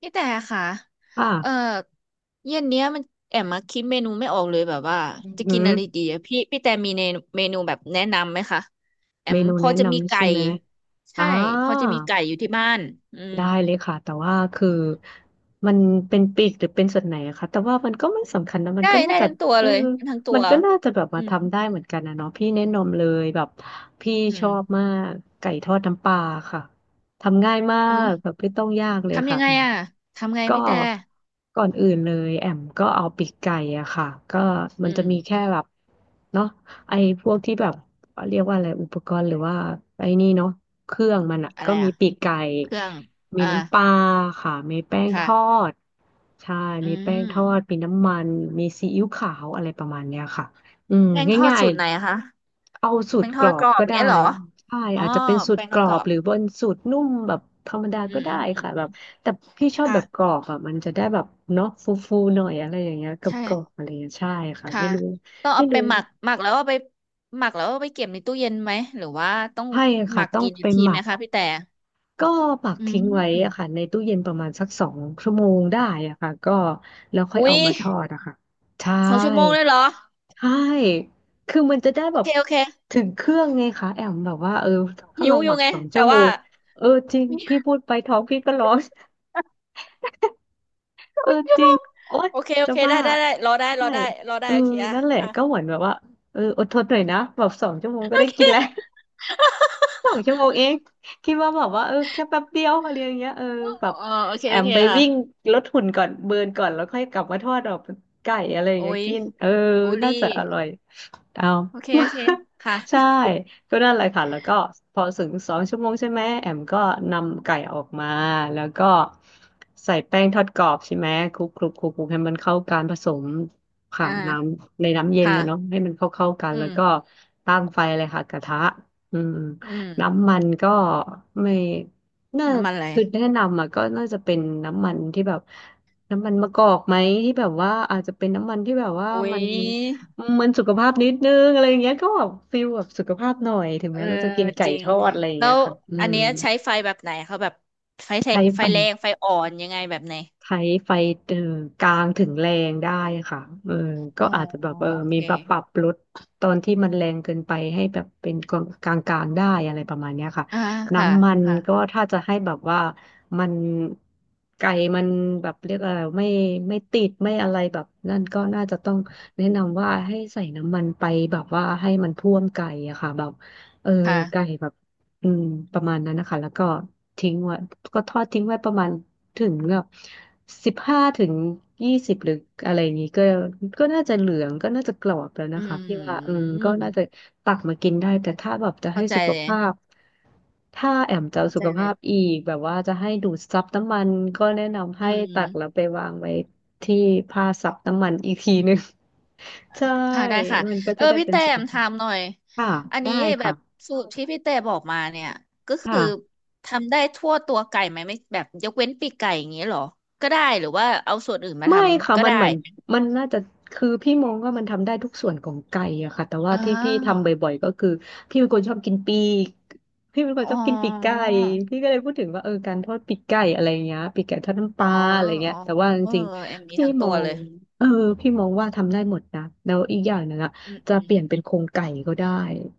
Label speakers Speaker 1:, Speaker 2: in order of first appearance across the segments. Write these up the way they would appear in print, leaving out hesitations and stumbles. Speaker 1: พี่แต่ค่ะ เอ่อ
Speaker 2: ค่ะ
Speaker 1: เย็นเนี้ยมันแอมมาคิดเมนูไม่ออกเลยแบบว่าจะ
Speaker 2: อื
Speaker 1: กินอะ
Speaker 2: ม
Speaker 1: ไรดีอะพี่แต่มีเมนูแบบแนะนำไหมคะแอ
Speaker 2: เม
Speaker 1: ม
Speaker 2: นู
Speaker 1: พอ
Speaker 2: แนะ
Speaker 1: จะมี
Speaker 2: นำ
Speaker 1: ไก่
Speaker 2: ใช่ไหม อ่า
Speaker 1: ใช่พอจะมีไก่อยู่ที่บ้านอืม
Speaker 2: ได้เลยค่ะแต่ว่าคือมันเป็นปีกหรือเป็นส่วนไหนอะคะแต่ว่ามันก็ไม่สำคัญนะมัน
Speaker 1: ได้
Speaker 2: ก็น่า
Speaker 1: ได้
Speaker 2: จะ
Speaker 1: ทั้งตัว
Speaker 2: เออ
Speaker 1: เลยทั้งตั
Speaker 2: มั
Speaker 1: ว
Speaker 2: นก็น่าจะแบบมา
Speaker 1: อืม
Speaker 2: ทำได้เหมือนกันนะเนาะพี่แนะนำเลยแบบพี่
Speaker 1: อื
Speaker 2: ชอ
Speaker 1: ม
Speaker 2: บมากไก่ทอดน้ำปลาค่ะทำง่ายมา
Speaker 1: อุ้ย
Speaker 2: กแบบไม่ต้องยากเลย
Speaker 1: ทำยั
Speaker 2: ค่ะ
Speaker 1: งไง
Speaker 2: แอม
Speaker 1: อะทำไง
Speaker 2: ก็
Speaker 1: พี่แต่
Speaker 2: ก่อนอื่นเลยแอมก็เอาปีกไก่อะค่ะก็มั
Speaker 1: อื
Speaker 2: นจะ
Speaker 1: ม
Speaker 2: มีแค่แบบเนาะไอ้พวกที่แบบเรียกว่าอะไรอุปกรณ์หรือว่าไอ้นี่เนาะเครื่องมันอะ
Speaker 1: อะ
Speaker 2: ก็
Speaker 1: ไร
Speaker 2: มี
Speaker 1: อะ
Speaker 2: ปีกไก่
Speaker 1: เครื่อง
Speaker 2: มี
Speaker 1: อ่า
Speaker 2: น้ำปลาค่ะมีแป้งท
Speaker 1: ค่ะ
Speaker 2: อดใช่
Speaker 1: อื
Speaker 2: มีแป้ง
Speaker 1: ม
Speaker 2: ทอดมีน้ำมันมีซีอิ๊วขาวอะไรประมาณเนี้ยค่ะอืม
Speaker 1: แป้งทอด
Speaker 2: ง่าย
Speaker 1: สูตรไหนอะคะ
Speaker 2: ๆเอาสูต
Speaker 1: แป้ง
Speaker 2: ร
Speaker 1: ท
Speaker 2: ก
Speaker 1: อ
Speaker 2: รอ
Speaker 1: ดก
Speaker 2: บ
Speaker 1: รอบ
Speaker 2: ก็
Speaker 1: อย่าง
Speaker 2: ได้
Speaker 1: เงี้ยเหรอ
Speaker 2: ใช่
Speaker 1: อ๋อ
Speaker 2: อาจจะเป็นสูต
Speaker 1: แป้
Speaker 2: ร
Speaker 1: ง
Speaker 2: ก
Speaker 1: ทอ
Speaker 2: ร
Speaker 1: ด
Speaker 2: อ
Speaker 1: กรอ
Speaker 2: บ
Speaker 1: บ
Speaker 2: หรือบนสูตรนุ่มแบบธรรมดา
Speaker 1: อื
Speaker 2: ก็
Speaker 1: ม
Speaker 2: ได้
Speaker 1: อืม
Speaker 2: ค่ะแบบแต่พี่ชอบแบ
Speaker 1: ค่ะ
Speaker 2: บกรอบอ่ะมันจะได้แบบเนาะฟูๆหน่อยอะไรอย่างเงี้ยกับ
Speaker 1: ใช่
Speaker 2: กรอบๆอะไรอย่างเงี้ยใช่ค่ะ
Speaker 1: ค่ะ
Speaker 2: ไม่รู้
Speaker 1: ต้อง
Speaker 2: ไม่
Speaker 1: เอาไป
Speaker 2: รู้
Speaker 1: หมักแล้วเอาไปหมักแล้วเอาไปเก็บในตู้เย็นไหมหรือว่าต้อง
Speaker 2: ใช่
Speaker 1: ห
Speaker 2: ค่ะ
Speaker 1: มัก
Speaker 2: ต้อง
Speaker 1: กี่
Speaker 2: ไป
Speaker 1: นาที
Speaker 2: หมั
Speaker 1: ไหม
Speaker 2: ก
Speaker 1: คะพี่แต่
Speaker 2: ก็ปัก
Speaker 1: อื
Speaker 2: ทิ้งไว้อะค่ะ
Speaker 1: ม
Speaker 2: ในตู้เย็นประมาณสักสองชั่วโมงได้อะค่ะก็แล้วค่อย
Speaker 1: อุ้
Speaker 2: เอา
Speaker 1: ย
Speaker 2: มาทอดอะค่ะใช่
Speaker 1: สองชั่วโมงเลยเหรอ
Speaker 2: ใช่คือมันจะได้
Speaker 1: โอ
Speaker 2: แบบ
Speaker 1: เคโอเค
Speaker 2: ถึงเครื่องไงคะแอมแบบว่าถ้า
Speaker 1: หิ
Speaker 2: เรา
Speaker 1: วอ
Speaker 2: ห
Speaker 1: ยู่
Speaker 2: มัก
Speaker 1: ไง
Speaker 2: สอง
Speaker 1: แต่
Speaker 2: ชั่วโม
Speaker 1: ว่า
Speaker 2: งเออจริงพี่ พูดไปท้องพี่ก็ร้อง เออ
Speaker 1: ชั่
Speaker 2: จ
Speaker 1: วโม
Speaker 2: ริง
Speaker 1: ง
Speaker 2: โอ๊ย
Speaker 1: โอเคโอ
Speaker 2: จะ
Speaker 1: เคได้
Speaker 2: ว่า
Speaker 1: ได้ได้รอได้ร
Speaker 2: ใช่
Speaker 1: อได้รอ
Speaker 2: เอ
Speaker 1: ได้
Speaker 2: อ
Speaker 1: โอเคอ่ะ
Speaker 2: นั่นแหละ
Speaker 1: อ่ะ
Speaker 2: ก็เหมือนแบบว่าอดทนหน่อยนะแบบสองชั่วโมงก็
Speaker 1: โอ
Speaker 2: ได้
Speaker 1: เค
Speaker 2: กินแล้ว 2 ชั่วโมงเอง คิดว่าแบบว่าแค่แป๊บเดียวอะไรอย่างเงี้ยแบบ
Speaker 1: เออโอเค
Speaker 2: แอ
Speaker 1: โอ
Speaker 2: ม
Speaker 1: เค
Speaker 2: ไป
Speaker 1: ค่ะ
Speaker 2: วิ่งลดหุ่นก่อนเบิร์นก่อนแล้วค่อยกลับมาทอดดอกไก่อะไรอย่าง
Speaker 1: โอ้
Speaker 2: เงี้ย
Speaker 1: ย
Speaker 2: กิน
Speaker 1: บูลลี่
Speaker 2: น่าจะอร่อย เอา
Speaker 1: โอเคโอเคค่ะ
Speaker 2: ใช่ก็นั่นแหละค่ะแล้วก็พอถึงสองชั่วโมงใช่ไหมแอมก็นำไก่ออกมาแล้วก็ใส่แป้งทอดกรอบใช่ไหมคลุกคลุกคลุกคลุกให้มันเข้ากันผสม ผ่า
Speaker 1: อ่า
Speaker 2: นน้ำในน้ำเย็น
Speaker 1: ค่ะ
Speaker 2: นะเนาะให้มันเข้ากัน
Speaker 1: อื
Speaker 2: แล้ว
Speaker 1: ม
Speaker 2: ก็ตั้งไฟเลยค่ะกระทะอืม
Speaker 1: อืม
Speaker 2: น้ำมันก็ไม่น่า
Speaker 1: น้ำมันอะไร
Speaker 2: คือแนะนำอ่ะก็น่าจะเป็นน้ำมันที่แบบน้ำมันมะกอกไหมที่แบบว่าอาจจะเป็นน้ำมันที่แบบว่า
Speaker 1: อุ้
Speaker 2: มั
Speaker 1: ย
Speaker 2: น มันสุขภาพนิดนึงอะไรอย่างเงี้ยก็แบบฟิลแบบสุขภาพหน่อยถึง
Speaker 1: เอ
Speaker 2: แม้
Speaker 1: อ
Speaker 2: เราจะกินไก่
Speaker 1: จริง
Speaker 2: ทอดอะไรอย่าง
Speaker 1: แล้
Speaker 2: เงี้ย
Speaker 1: ว
Speaker 2: ค่ะอื
Speaker 1: อัน
Speaker 2: ม
Speaker 1: เนี้ยใช้ไฟแบบไหนเขาแบบไฟแท
Speaker 2: ใช้
Speaker 1: ไฟ
Speaker 2: ไป
Speaker 1: แรงไฟอ่อนยังไงแบบไหน
Speaker 2: ใช้ไฟเออกลางถึงแรงได้ค่ะเออก็
Speaker 1: อ๋อ
Speaker 2: อาจจะแบ
Speaker 1: โอ
Speaker 2: บมี
Speaker 1: เค
Speaker 2: แบบปรับลดตอนที่มันแรงเกินไปให้แบบเป็นกลางกลางๆได้อะไรประมาณเนี้ยค่ะ
Speaker 1: อ่าค่ะ
Speaker 2: น้ำมัน
Speaker 1: ค่ะ
Speaker 2: ก็ถ้าจะให้แบบว่ามันไก่มันแบบเรียกอะไรไม่ติดไม่อะไรแบบนั่นก็น่าจะต้องแนะนำว่าให้ใส่น้ำมันไปแบบว่าให้มันท่วมไก่อะค่ะแบบเออไก่
Speaker 1: ค่ะ
Speaker 2: แบบอืมประมาณนั้นนะคะแล้วก็ทิ้งไว้ก็ทอดทิ้งไว้ประมาณ ถึงแบบ15 ถึง 20หรืออะไรอย่างนี้ก็ก็น่าจะเหลืองก็น่าจะกรอบแล้ว
Speaker 1: อื
Speaker 2: นะคะพี่ว่าก็น่าจะ
Speaker 1: ม
Speaker 2: ตักมากินได้แต่ถ้าแบบจะให้
Speaker 1: เข้าใจ
Speaker 2: สุข
Speaker 1: เลย
Speaker 2: ภาพถ้าแอมจะเอา
Speaker 1: เข้า
Speaker 2: สุ
Speaker 1: ใจ
Speaker 2: ข
Speaker 1: เล
Speaker 2: ภา
Speaker 1: ย
Speaker 2: พอีกแบบว่าจะให้ดูดซับน้ำมันก็แนะนำ
Speaker 1: อื
Speaker 2: ให้
Speaker 1: ม
Speaker 2: ตักแล้วไปวางไว้ที่ผ้าซับน้ำมันอีกทีนึง ใช่
Speaker 1: ค่ะได้ค่ะ
Speaker 2: มันก็
Speaker 1: เอ
Speaker 2: จะ
Speaker 1: อ
Speaker 2: ได้
Speaker 1: พี่
Speaker 2: เป็น
Speaker 1: แต้
Speaker 2: สุข
Speaker 1: ม
Speaker 2: ภา
Speaker 1: ถา
Speaker 2: พ
Speaker 1: มหน่อย
Speaker 2: ค่ะ
Speaker 1: อัน
Speaker 2: ได้
Speaker 1: นี้แบบ
Speaker 2: ค่ะ
Speaker 1: สูตรที่พี่แต้บอกมาเนี่ยก็คือ
Speaker 2: ค่ะ
Speaker 1: ทำได้ทั่วตัวไก่ไหมไม่แบบยกเว้นปีกไก่อย่างนี้เหรอก็ได้หรือว่าเอาส่วนอื่นมาท
Speaker 2: ไม่ค่ะ
Speaker 1: ำก็
Speaker 2: มัน
Speaker 1: ได้
Speaker 2: เหมือนมันน่าจะคือพี่มองว่ามันทำได้ทุกส่วนของไก่อะค่ะแต่ว่า
Speaker 1: อ่
Speaker 2: ที่พี่ทำ
Speaker 1: า
Speaker 2: บ่อยๆก็คือพี่เป็นคนชอบกินปีกพี่เป็นค
Speaker 1: อ๋
Speaker 2: น
Speaker 1: อ
Speaker 2: ชอบกินปีกไก่พี่ก็เลยพูดถึงว่าการทอดปีกไก่อะไรเงี้ยปีกไก่ทอดน้ำป
Speaker 1: อ๋อ
Speaker 2: ลาอะไรเงี้
Speaker 1: อ๋
Speaker 2: ย
Speaker 1: อ
Speaker 2: แต่ว่าจ
Speaker 1: เออ
Speaker 2: ริง
Speaker 1: แอม
Speaker 2: ๆ
Speaker 1: มีทั้งตัวเลย
Speaker 2: เออพี่มองว่าทำได้หมดนะแล้วอีกอย่างหนึงอะ
Speaker 1: อืม
Speaker 2: จะ
Speaker 1: อืม
Speaker 2: เปลี่ยนเป็นโครงไก่ก็ได้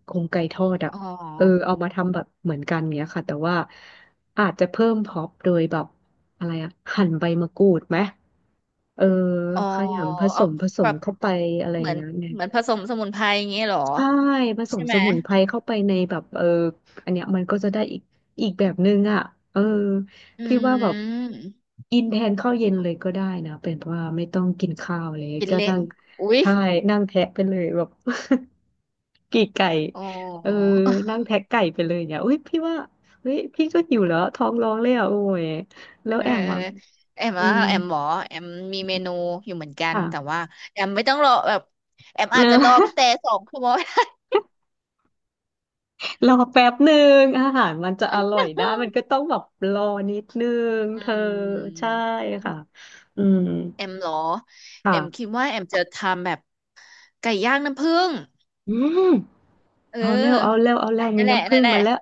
Speaker 2: โครงไก่ทอดอะ
Speaker 1: อ๋อ
Speaker 2: เอามาทำแบบเหมือนกันเงี้ยค่ะแต่ว่าอาจจะเพิ่มพร็อพโดยแบบอะไรอะหั่นใบมะกรูดไหม เออ
Speaker 1: อ๋อ
Speaker 2: ขยำผส
Speaker 1: เอา
Speaker 2: มผส
Speaker 1: แบ
Speaker 2: ม
Speaker 1: บ
Speaker 2: เข้าไปอะไร
Speaker 1: เห
Speaker 2: อ
Speaker 1: มื
Speaker 2: ย่า
Speaker 1: อ
Speaker 2: ง
Speaker 1: น
Speaker 2: เงี้ยเน
Speaker 1: เหมือนผสมสมุนไพรอย่างเงี้ยเหรอ
Speaker 2: ใช่ผส
Speaker 1: ใช่
Speaker 2: ม
Speaker 1: ไห
Speaker 2: ส
Speaker 1: ม
Speaker 2: มุนไพรเข้าไปในแบบอันเนี้ยมันก็จะได้อีกแบบนึงอ่ะเออ
Speaker 1: อื
Speaker 2: พี่ว่าแบบ
Speaker 1: ม
Speaker 2: กินแทนข้าวเย็นเลยก็ได้นะเป็นเพราะว่าไม่ต้องกินข้าวเลย
Speaker 1: กิน
Speaker 2: ก็
Speaker 1: เล่
Speaker 2: นั่
Speaker 1: น
Speaker 2: ง
Speaker 1: อุ๊ย
Speaker 2: ใช่นั่งแทะไปเลยแบบ กี่ไก่
Speaker 1: อ๋อ
Speaker 2: เออนั่ งแทะไก่ไปเลยเนี่ยอุ้ยพี่ว่าเฮ้ยพี่ก็หิวแล้วท้องร้องเลยอ่ะโอ้ยแล้ว
Speaker 1: เออ
Speaker 2: แอมอ่ะ
Speaker 1: แอม
Speaker 2: มี
Speaker 1: ว่าแอมหมอแอมมีเมนูอยู่เหมือนกัน
Speaker 2: ค่ะ
Speaker 1: แต่ ว่าแอมไม่ต้องรอแบบแอมอา
Speaker 2: เน
Speaker 1: จจะ
Speaker 2: อะ
Speaker 1: รอพี่แต่สองชั่วโมง
Speaker 2: รอแป๊บหนึ่งอาหารมันจะอร่อยได้มันก็ ต้องแบบรอนิดนึงเธ
Speaker 1: อื
Speaker 2: อใช่
Speaker 1: ม
Speaker 2: ค่ะอืม
Speaker 1: แอมเหรอแอมคิด
Speaker 2: ค่ะ
Speaker 1: ว่าแอมจะทำแบบไก่ย่างน้ำผึ้ง
Speaker 2: อืม
Speaker 1: เอ
Speaker 2: เอาเร็วเอาเร็
Speaker 1: อ
Speaker 2: วเอาเร็วมี
Speaker 1: นั่นแหละ
Speaker 2: น้ำผึ้
Speaker 1: นั่
Speaker 2: ง
Speaker 1: นแหละ
Speaker 2: มาแล้ว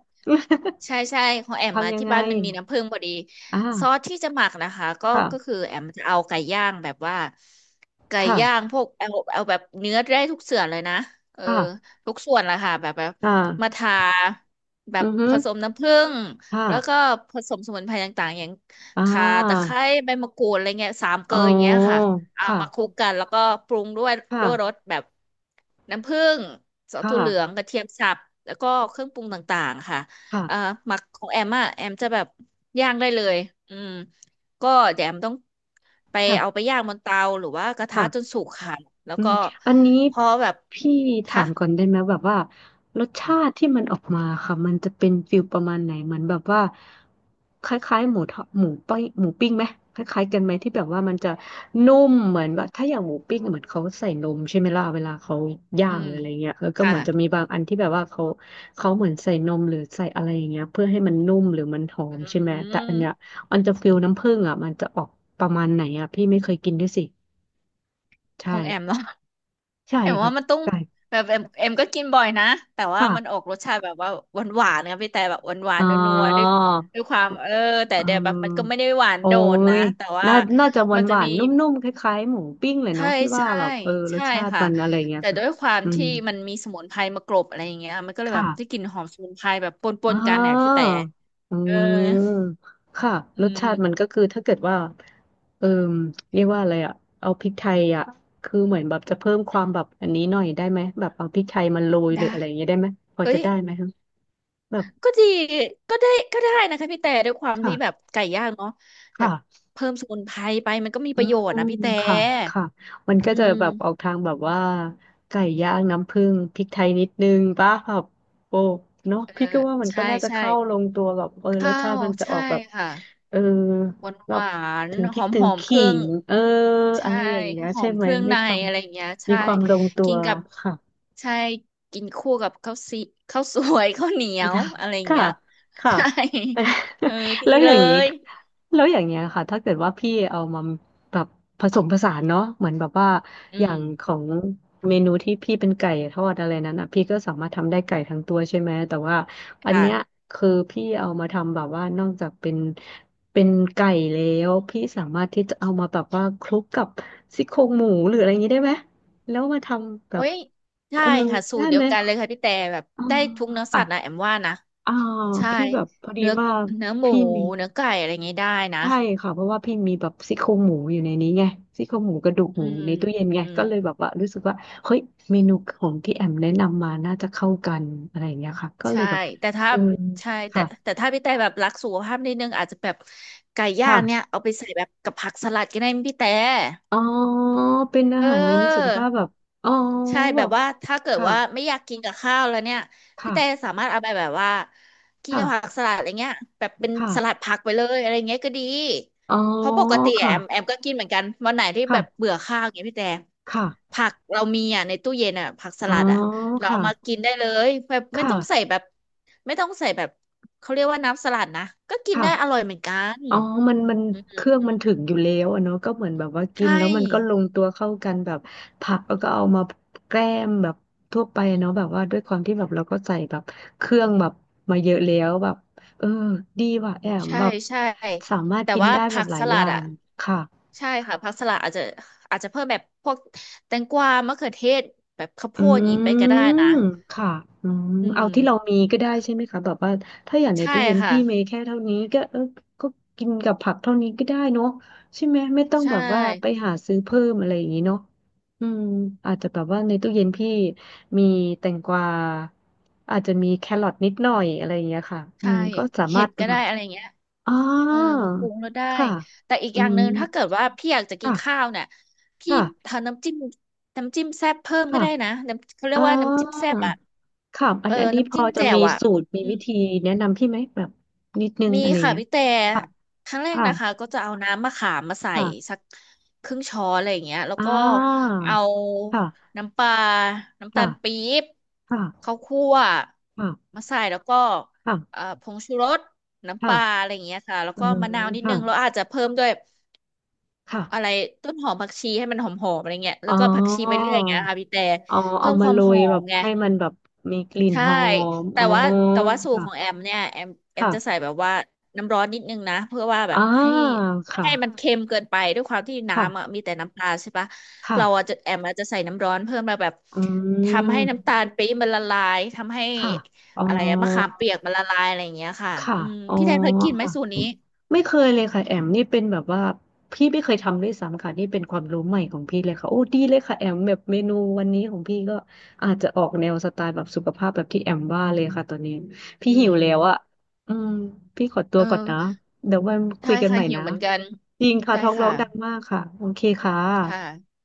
Speaker 1: ใช่ใช่ของแอ มมา
Speaker 2: ทำยัง
Speaker 1: ที่
Speaker 2: ไง
Speaker 1: บ้านมันมีน้ำผึ้งพอดี
Speaker 2: อ่า
Speaker 1: ซอสที่จะหมักนะคะก็ก็คือ
Speaker 2: ค่ะ
Speaker 1: แอมจะเอาไก่ย่างแบบว่าไก่ย่าง
Speaker 2: ค่ะ
Speaker 1: พวกเอาเอาแบบเนื้อได้ทุกส่วนเลยนะเออ
Speaker 2: ค่ะ
Speaker 1: ทุกส่วนแหละค่ะแบบแบบ
Speaker 2: อ
Speaker 1: มา
Speaker 2: ่า
Speaker 1: ทาแบ
Speaker 2: อื
Speaker 1: บ
Speaker 2: อฮึ
Speaker 1: ผสมน้ำผึ้ง
Speaker 2: ค่ะ
Speaker 1: แล้วก็ผสมสมุนไพรต่างๆอย่าง
Speaker 2: อ่
Speaker 1: ข่าตะไค
Speaker 2: า
Speaker 1: ร้ใบมะกรูดอะไรเงี้ยสามเก
Speaker 2: อ๋
Speaker 1: ลออย่างเงี้ย
Speaker 2: อ
Speaker 1: ค่ะเอามาคลุ
Speaker 2: ค่ะ
Speaker 1: กกันแล้วก็ปรุงด้วยด้วยรส
Speaker 2: ค่ะ
Speaker 1: แบบน้ำผึ้งซอส
Speaker 2: ค่ะ
Speaker 1: ถั่วเหลืองกระเทียมสับแล้วก็เครื่องปรุงต่างๆค่ะ อ่า
Speaker 2: ค่ะ
Speaker 1: หมักของแอมอ่ะแอมจะแบบย่างได้เลยอืมก็เดี๋ยวแอมต้องไปเอาไปย่างบนเตาหรือว่ากระทะ
Speaker 2: ค่ะ
Speaker 1: จนสุกค่ะแล้ว
Speaker 2: อืม
Speaker 1: ก็
Speaker 2: อันนี้
Speaker 1: พอแบบ
Speaker 2: พี่ถา
Speaker 1: คะ
Speaker 2: มก่อนได้ไหมแบบว่ารสชาติที่มันออกมาค่ะมันจะเป็นฟิลประมาณไหนเหมือนแบบว่าคล้ายๆหมูทอดหมูปิ้งไหมคล้ายๆกันไหมที่แบบว่ามันจะนุ่มเหมือนแบบถ้าอย่างหมูปิ้งอะเหมือนเขาใส่นมใช่ไหมล่ะเวลาเขาย่า
Speaker 1: อื
Speaker 2: งห
Speaker 1: ม
Speaker 2: รืออะไรเงี้ยแล้วก็เห
Speaker 1: ค่ะ
Speaker 2: มือนจะมีบางอันที่แบบว่าเขาเหมือนใส่นมหรือใส่อะไรอย่างเงี้ยเพื่อให้มันนุ่มหรือมันหอมใช่ไหม
Speaker 1: อื
Speaker 2: แต่อันเนี้ย
Speaker 1: ม
Speaker 2: มันจะฟิลน้ำผึ้งอ่ะมันจะออกประมาณไหนอ่ะพี่ไม่เคยกินด้วยสิ
Speaker 1: ข
Speaker 2: ใช่
Speaker 1: องแอมเนาะ
Speaker 2: ใช่
Speaker 1: แอมว่า
Speaker 2: ค่ะ
Speaker 1: มันต้อง
Speaker 2: ่
Speaker 1: แบบแอมก็กินบ่อยนะแต่ว่ามันอ
Speaker 2: ค่ะ
Speaker 1: อกรสชาติแบบว่าหวานหวานนะพี่แต่แบบหวานหวาน
Speaker 2: อ๋อ
Speaker 1: นัวๆด้วยด้วยความเออแต่
Speaker 2: เ
Speaker 1: เดี๋ยวแบบมันก็
Speaker 2: ออ
Speaker 1: ไม่ได้หวาน
Speaker 2: โอ้
Speaker 1: โดดนะ
Speaker 2: ย
Speaker 1: แต่ว่า
Speaker 2: น่าจะหวา
Speaker 1: มั
Speaker 2: น
Speaker 1: น
Speaker 2: ห
Speaker 1: จะ
Speaker 2: วา
Speaker 1: มี
Speaker 2: นนุ่มๆคล้ายๆหมูปิ้งเลย
Speaker 1: ใช่
Speaker 2: เนาะพี่ว่า
Speaker 1: ใช่
Speaker 2: แบบเออรส
Speaker 1: ใช่
Speaker 2: ชาติ
Speaker 1: ค่ะ
Speaker 2: มันอะไรเงี้ย
Speaker 1: แต่
Speaker 2: ค่ะ
Speaker 1: ด้วยความ
Speaker 2: อืม
Speaker 1: ที่มันมีสมุนไพรมากรบอะไรอย่างเงี้ยมันก็เลยแบ
Speaker 2: ค่ะ
Speaker 1: บได้กลิ่นหอมสมุนไพรแบบปนป
Speaker 2: อ๋อ
Speaker 1: นกันเนี่ยพี่แต่
Speaker 2: อื
Speaker 1: เออ
Speaker 2: มค่ะ
Speaker 1: อื
Speaker 2: รสชาติมัน
Speaker 1: ม
Speaker 2: ก็คือถ้าเกิดว่าเออเรียกว่าอะไรอะเอาพริกไทยอะคือเหมือนแบบจะเพิ่มความแบบอันนี้หน่อยได้ไหมแบบเอาพริกไทยมาโรยหรือ
Speaker 1: ได้
Speaker 2: อะไรอย่างเงี้ยได้ไหมพอ
Speaker 1: เฮ้
Speaker 2: จะ
Speaker 1: ย
Speaker 2: ได้ไหมคะแบบ
Speaker 1: ก็ดีก็ได้ก็ได้นะคะพี่แต่ด้วยความที่แบบ
Speaker 2: ค่ะ
Speaker 1: ไก่ย่างเนาะแบบ
Speaker 2: ค่ะ
Speaker 1: เพิ่มสมุนไพรไปมันก็มี
Speaker 2: อื
Speaker 1: ประโย
Speaker 2: ม
Speaker 1: ชน์นะพี่แต่
Speaker 2: ค่ะค่ะมัน
Speaker 1: อื
Speaker 2: ก็จะแบบออก
Speaker 1: ม
Speaker 2: ทางแบบว่าไก่ย่างน้ำผึ้งพริกไทยนิดนึงป่ะแบบโอ้เนาะ
Speaker 1: เออ
Speaker 2: พี่ก็ว่ามันก็
Speaker 1: ใช่
Speaker 2: น่าจะ
Speaker 1: ใช่
Speaker 2: เข้าลงตัวแบบเออรส
Speaker 1: ข้า
Speaker 2: ชา
Speaker 1: ว
Speaker 2: ติมันจะอ
Speaker 1: ใช่
Speaker 2: อกแบบ
Speaker 1: ค่ะ
Speaker 2: เออ
Speaker 1: หวาน
Speaker 2: แบ
Speaker 1: ห
Speaker 2: บ
Speaker 1: วาน
Speaker 2: ถึงพ
Speaker 1: ห
Speaker 2: ริก
Speaker 1: อม
Speaker 2: ถึ
Speaker 1: ห
Speaker 2: ง
Speaker 1: อมเค
Speaker 2: ขิ
Speaker 1: รื่อง
Speaker 2: งเอออะ
Speaker 1: ใช่
Speaker 2: ไรอย่างเงี้ย
Speaker 1: หอ
Speaker 2: ใช่
Speaker 1: ม
Speaker 2: ไห
Speaker 1: เค
Speaker 2: ม
Speaker 1: รื่อง
Speaker 2: มี
Speaker 1: ใน
Speaker 2: ความ
Speaker 1: อะไรอย่างเงี้ย
Speaker 2: มี
Speaker 1: ใช่
Speaker 2: ความลงตั
Speaker 1: กิ
Speaker 2: ว
Speaker 1: นกับ
Speaker 2: ค่ะ
Speaker 1: ใช่กินคู่กับข้าวซีข้าวสวย ข้าวเหนียว
Speaker 2: ค่
Speaker 1: อะไรอย่าง
Speaker 2: ะ
Speaker 1: เงี้ย
Speaker 2: ค่ะ
Speaker 1: ใช่เออ ดี
Speaker 2: แล้วอ
Speaker 1: เล
Speaker 2: ย่างนี้
Speaker 1: ย
Speaker 2: แล้วอย่างเงี้ยค่ะถ้าเกิดว่าพี่เอามาแบบผสมผสานเนาะเหมือนแบบว่า
Speaker 1: อื
Speaker 2: อย่า
Speaker 1: ม
Speaker 2: งของเมนูที่พี่เป็นไก่ทอดอะไรนั้นอ่ะพี่ก็สามารถทำได้ไก่ทั้งตัวใช่ไหมแต่ว่าอัน
Speaker 1: ค่ะ
Speaker 2: เนี้ยคือพี่เอามาทำแบบว่านอกจากเป็นไก่แล้วพี่สามารถที่จะเอามาแบบว่าคลุกกับซี่โครงหมูหรืออะไรอย่างนี้ได้ไหมแล้วมาทำแบ
Speaker 1: โอ้
Speaker 2: บ
Speaker 1: ยใช่
Speaker 2: เออ
Speaker 1: ค่ะสู
Speaker 2: ได้
Speaker 1: ตรเดีย
Speaker 2: ไหม
Speaker 1: วกันเลยค่ะพี่แต่แบบ
Speaker 2: อ๋อ
Speaker 1: ได้ทุกเนื้อสัตว์นะแอมว่านะ
Speaker 2: อ่า
Speaker 1: ใช่
Speaker 2: พี่แบบพอดี
Speaker 1: เนื้อ
Speaker 2: ว่า
Speaker 1: เนื้อหมู
Speaker 2: พี่มี
Speaker 1: เนื้อไก่อะไรอย่างงี้ได้นะ
Speaker 2: ใช่ค่ะเพราะว่าพี่มีแบบซี่โครงหมูอยู่ในนี้ไงซี่โครงหมูกระดูก
Speaker 1: อื
Speaker 2: หมูอ
Speaker 1: ม
Speaker 2: ยู่ในตู้เย็นไง
Speaker 1: อืม
Speaker 2: ก็เลยแบบว่ารู้สึกว่าเฮ้ยเมนูของที่แอมแนะนำมาน่าจะเข้ากันอะไรอย่างเงี้ยค่ะก็เล
Speaker 1: ใช่
Speaker 2: ยแบบ
Speaker 1: แต่ถ้า
Speaker 2: เออ
Speaker 1: ใช่แต่
Speaker 2: ค่ะ
Speaker 1: แต่ถ้าพี่แต่แบบรักสุขภาพนิดนึงอาจจะแบบไก่ย่างเนี่ย
Speaker 2: ค่ะ
Speaker 1: เอาไปใส่แบบกับผักสลัดก็ได้มั้ยพี่แต่
Speaker 2: อ๋อเป็นอา
Speaker 1: เออ
Speaker 2: หารเมนูสุขภาพแบบอ๋อ
Speaker 1: ใช่
Speaker 2: แบ
Speaker 1: แบบ
Speaker 2: บ
Speaker 1: ว่าถ้าเกิด
Speaker 2: ค่ะ
Speaker 1: ว่าไม่อยากกินกับข้าวแล้วเนี่ยพี่
Speaker 2: ค่ะ
Speaker 1: แต่สามารถเอาไปแบบว่ากิน
Speaker 2: ค่ะ
Speaker 1: กับผักสลัดอะไรเงี้ยแบบเป็น
Speaker 2: ค่ะ
Speaker 1: สลัดผักไปเลยอะไรเงี้ยก็ดี
Speaker 2: อ๋อ
Speaker 1: เพราะปกติแอ
Speaker 2: ค่ะ
Speaker 1: มแอมก็กินเหมือนกันวันไหนที่แบบ
Speaker 2: ค่ะ
Speaker 1: เบื่อข้าวอย่างเงี้ยพี่แต่
Speaker 2: ค่ะ
Speaker 1: ผักเรามีอ่ะในตู้เย็นอ่ะผักส
Speaker 2: อ๋อ
Speaker 1: ลัดอ่ะเรา
Speaker 2: ค่ะ
Speaker 1: เอามากินได้เลยแบบไม่
Speaker 2: ค่ะ
Speaker 1: ต้องใส่แบบไม่ต้องใส่แบบเขาเรียกว่าน้ำสลัดนะก็กินได้อร่
Speaker 2: ค่ะ
Speaker 1: อยเหมือนกัน
Speaker 2: อ๋อมันเครื่องมันถึงอยู่แล้วอะเนาะก็เหมือนแบบว่ากิน
Speaker 1: ใช่
Speaker 2: แล้วมันก็ลงตัวเข้ากันแบบผักแล้วก็เอามาแกล้มแบบทั่วไปเนาะแบบว่าด้วยความที่แบบเราก็ใส่แบบเครื่องแบบมาเยอะแล้วแบบเออดีว่ะแอม
Speaker 1: ใช่
Speaker 2: แบบ
Speaker 1: ใช่
Speaker 2: สามารถ
Speaker 1: แต่
Speaker 2: กิน
Speaker 1: ว่า
Speaker 2: ได้แบ
Speaker 1: ผั
Speaker 2: บ
Speaker 1: ก
Speaker 2: หลา
Speaker 1: ส
Speaker 2: ยอ
Speaker 1: ลัด
Speaker 2: ย่า
Speaker 1: อ่ะ
Speaker 2: งค่ะ
Speaker 1: ใช่ค่ะผักสลัดอาจจะอาจจะเพิ่มแบบพวกแตงกวามะเขือเทศแบบข้าวโพ
Speaker 2: อื
Speaker 1: ดอย่างนี้ไปก็ได้
Speaker 2: ม
Speaker 1: นะ
Speaker 2: ค่ะอืม
Speaker 1: อืม
Speaker 2: เอาที่เรามีก็ได้
Speaker 1: อ่ะ
Speaker 2: ใช่ไหมคะแบบว่าถ้าอย่างใน
Speaker 1: ใช่
Speaker 2: ตู้เย็น
Speaker 1: ค่ะ
Speaker 2: พี่เมีแค่เท่านี้ก็เออก็กินกับผักเท่านี้ก็ได้เนาะใช่ไหมไม่ต้อง
Speaker 1: ใช่
Speaker 2: แบบว่าไปหาซื้อเพิ่มอะไรอย่างนี้เนาะอืมอาจจะแบบว่าในตู้เย็นพี่มีแตงกวาอาจจะมีแครอทนิดหน่อยอะไรอย่างเงี้ยค่ะอื
Speaker 1: ใช่
Speaker 2: มก็สา
Speaker 1: เห็
Speaker 2: มาร
Speaker 1: ด
Speaker 2: ถ
Speaker 1: ก็ได้อะไรเงี้ย
Speaker 2: อ๋อ
Speaker 1: เออมาปรุงแล้วได้
Speaker 2: ค่ะ
Speaker 1: แต่อีก
Speaker 2: อื
Speaker 1: อย่างห
Speaker 2: ม
Speaker 1: นึ่งถ้าเกิดว่าพี่อยากจะกิน
Speaker 2: ค่ะ
Speaker 1: ข้าวเนี่ยพี่
Speaker 2: ค่ะ
Speaker 1: ทำน้ำจิ้มน้ำจิ้มแซ่บเพิ่มก็
Speaker 2: ค่ะ
Speaker 1: ได้นะน้ำเขาเรีย
Speaker 2: อ๋อ
Speaker 1: กว่าน้ำจิ้มแซ่บอ่ะ
Speaker 2: ค่ะอั
Speaker 1: เอ
Speaker 2: น
Speaker 1: อ
Speaker 2: อันนี้พ
Speaker 1: น้ำจิ้
Speaker 2: อ
Speaker 1: ม
Speaker 2: จะ
Speaker 1: แจ่
Speaker 2: มี
Speaker 1: วอ่ะ
Speaker 2: สูตรมีวิธีแนะนำพี่ไหมแบบนิดนึง
Speaker 1: มี
Speaker 2: อะไร
Speaker 1: ค่ะ
Speaker 2: เงี้ย
Speaker 1: พี่แต่
Speaker 2: ค่ะ
Speaker 1: ครั้งแรก
Speaker 2: ค่ะ
Speaker 1: นะคะก็จะเอาน้ำมะขามมาใส่สั
Speaker 2: ค่ะ
Speaker 1: กครึ่งช้อนอะไรอย่างเงี้ยแล้ว
Speaker 2: อ่า
Speaker 1: ก็เอา
Speaker 2: ค่ะ
Speaker 1: น้ำปลาน้ำตาล
Speaker 2: ค่ะ
Speaker 1: ปี๊บ
Speaker 2: ค่ะ
Speaker 1: ข้าวคั่ว
Speaker 2: ค่ะ
Speaker 1: มาใส่แล้วก็
Speaker 2: ค่ะ
Speaker 1: ผงชูรสน้ำป
Speaker 2: ค่ะ
Speaker 1: ลาอะไรอย่างเงี้ยค่ะ แล้ว
Speaker 2: อื
Speaker 1: ก็
Speaker 2: ม
Speaker 1: มะนาวนิด
Speaker 2: ค่ะ
Speaker 1: นึงแล้วอาจจะเพิ่มด้วย
Speaker 2: ค่ะ
Speaker 1: อะไรต้นหอมผักชีให้มันหอมๆอะไรเงี้ยแล้
Speaker 2: อ๋อ
Speaker 1: วก็ผักชีไปเรื่อยอย่างเงี้ยค่ะพี่แต่
Speaker 2: เอาเอา
Speaker 1: เพิ่ม
Speaker 2: มา
Speaker 1: ความ
Speaker 2: โร
Speaker 1: หอ
Speaker 2: ยแบ
Speaker 1: ม
Speaker 2: บ
Speaker 1: ไง
Speaker 2: ให้มันแบบมีกลิ่น
Speaker 1: ใช่
Speaker 2: หอม
Speaker 1: แต่
Speaker 2: อ๋อ
Speaker 1: ว่าแต่ว่าสูตรของแอ
Speaker 2: ค่ะ
Speaker 1: มเนี่ยแอมจะใส่
Speaker 2: ค่ะ
Speaker 1: แบบว่าน้ำร้อนนิดนึงนะเพื่อว่าแบ
Speaker 2: อ่า
Speaker 1: บให้ไม่
Speaker 2: ค่ะ
Speaker 1: ให้มันเค็มเกินไปด้วยความที่น้ำอ่ะ
Speaker 2: ค่ะ
Speaker 1: มีแต่น้ำตาลใช่ปะ
Speaker 2: ค่ะ
Speaker 1: เราอาจจะแอมอาจจะใส่น้ำร้อนเพิ่มมาแบบ
Speaker 2: อื
Speaker 1: ทำให้น้ำตา
Speaker 2: ม
Speaker 1: ลปี๊บมันละลายทำให้
Speaker 2: ค่ะอ๋อ
Speaker 1: อะไรอะมะขามเปียกมันละลายอะไรอย่างเงี้ยค่ะ
Speaker 2: ค่ะ
Speaker 1: อืม
Speaker 2: อ๋อ
Speaker 1: พี่แทนเคยกินไหม
Speaker 2: ค่ะ
Speaker 1: สูตรนี้
Speaker 2: ไม่เคยเลยค่ะแอมนี่เป็นแบบว่าพี่ไม่เคยทำด้วยซ้ำค่ะนี่เป็นความรู้ใหม่ของพี่เลยค่ะโอ้ดีเลยค่ะแอมแบบเมนูวันนี้ของพี่ก็อาจจะออกแนวสไตล์แบบสุขภาพแบบที่แอมว่าเลยค่ะตอนนี้พี่
Speaker 1: อื
Speaker 2: หิวแล้วอะ
Speaker 1: ม
Speaker 2: อืมพี่ขอตั
Speaker 1: เอ
Speaker 2: ว
Speaker 1: อ
Speaker 2: ก่อนนะเดี๋ยววันคุ
Speaker 1: ใช่
Speaker 2: ยกัน
Speaker 1: ค่ะ
Speaker 2: ใหม่
Speaker 1: หิว
Speaker 2: นะ
Speaker 1: เหมือนกัน
Speaker 2: จริงค่ะ
Speaker 1: ได้
Speaker 2: ท้องร้อ
Speaker 1: ค่ะ
Speaker 2: งดังมากค่ะโอเคค่ะ
Speaker 1: ค่ะ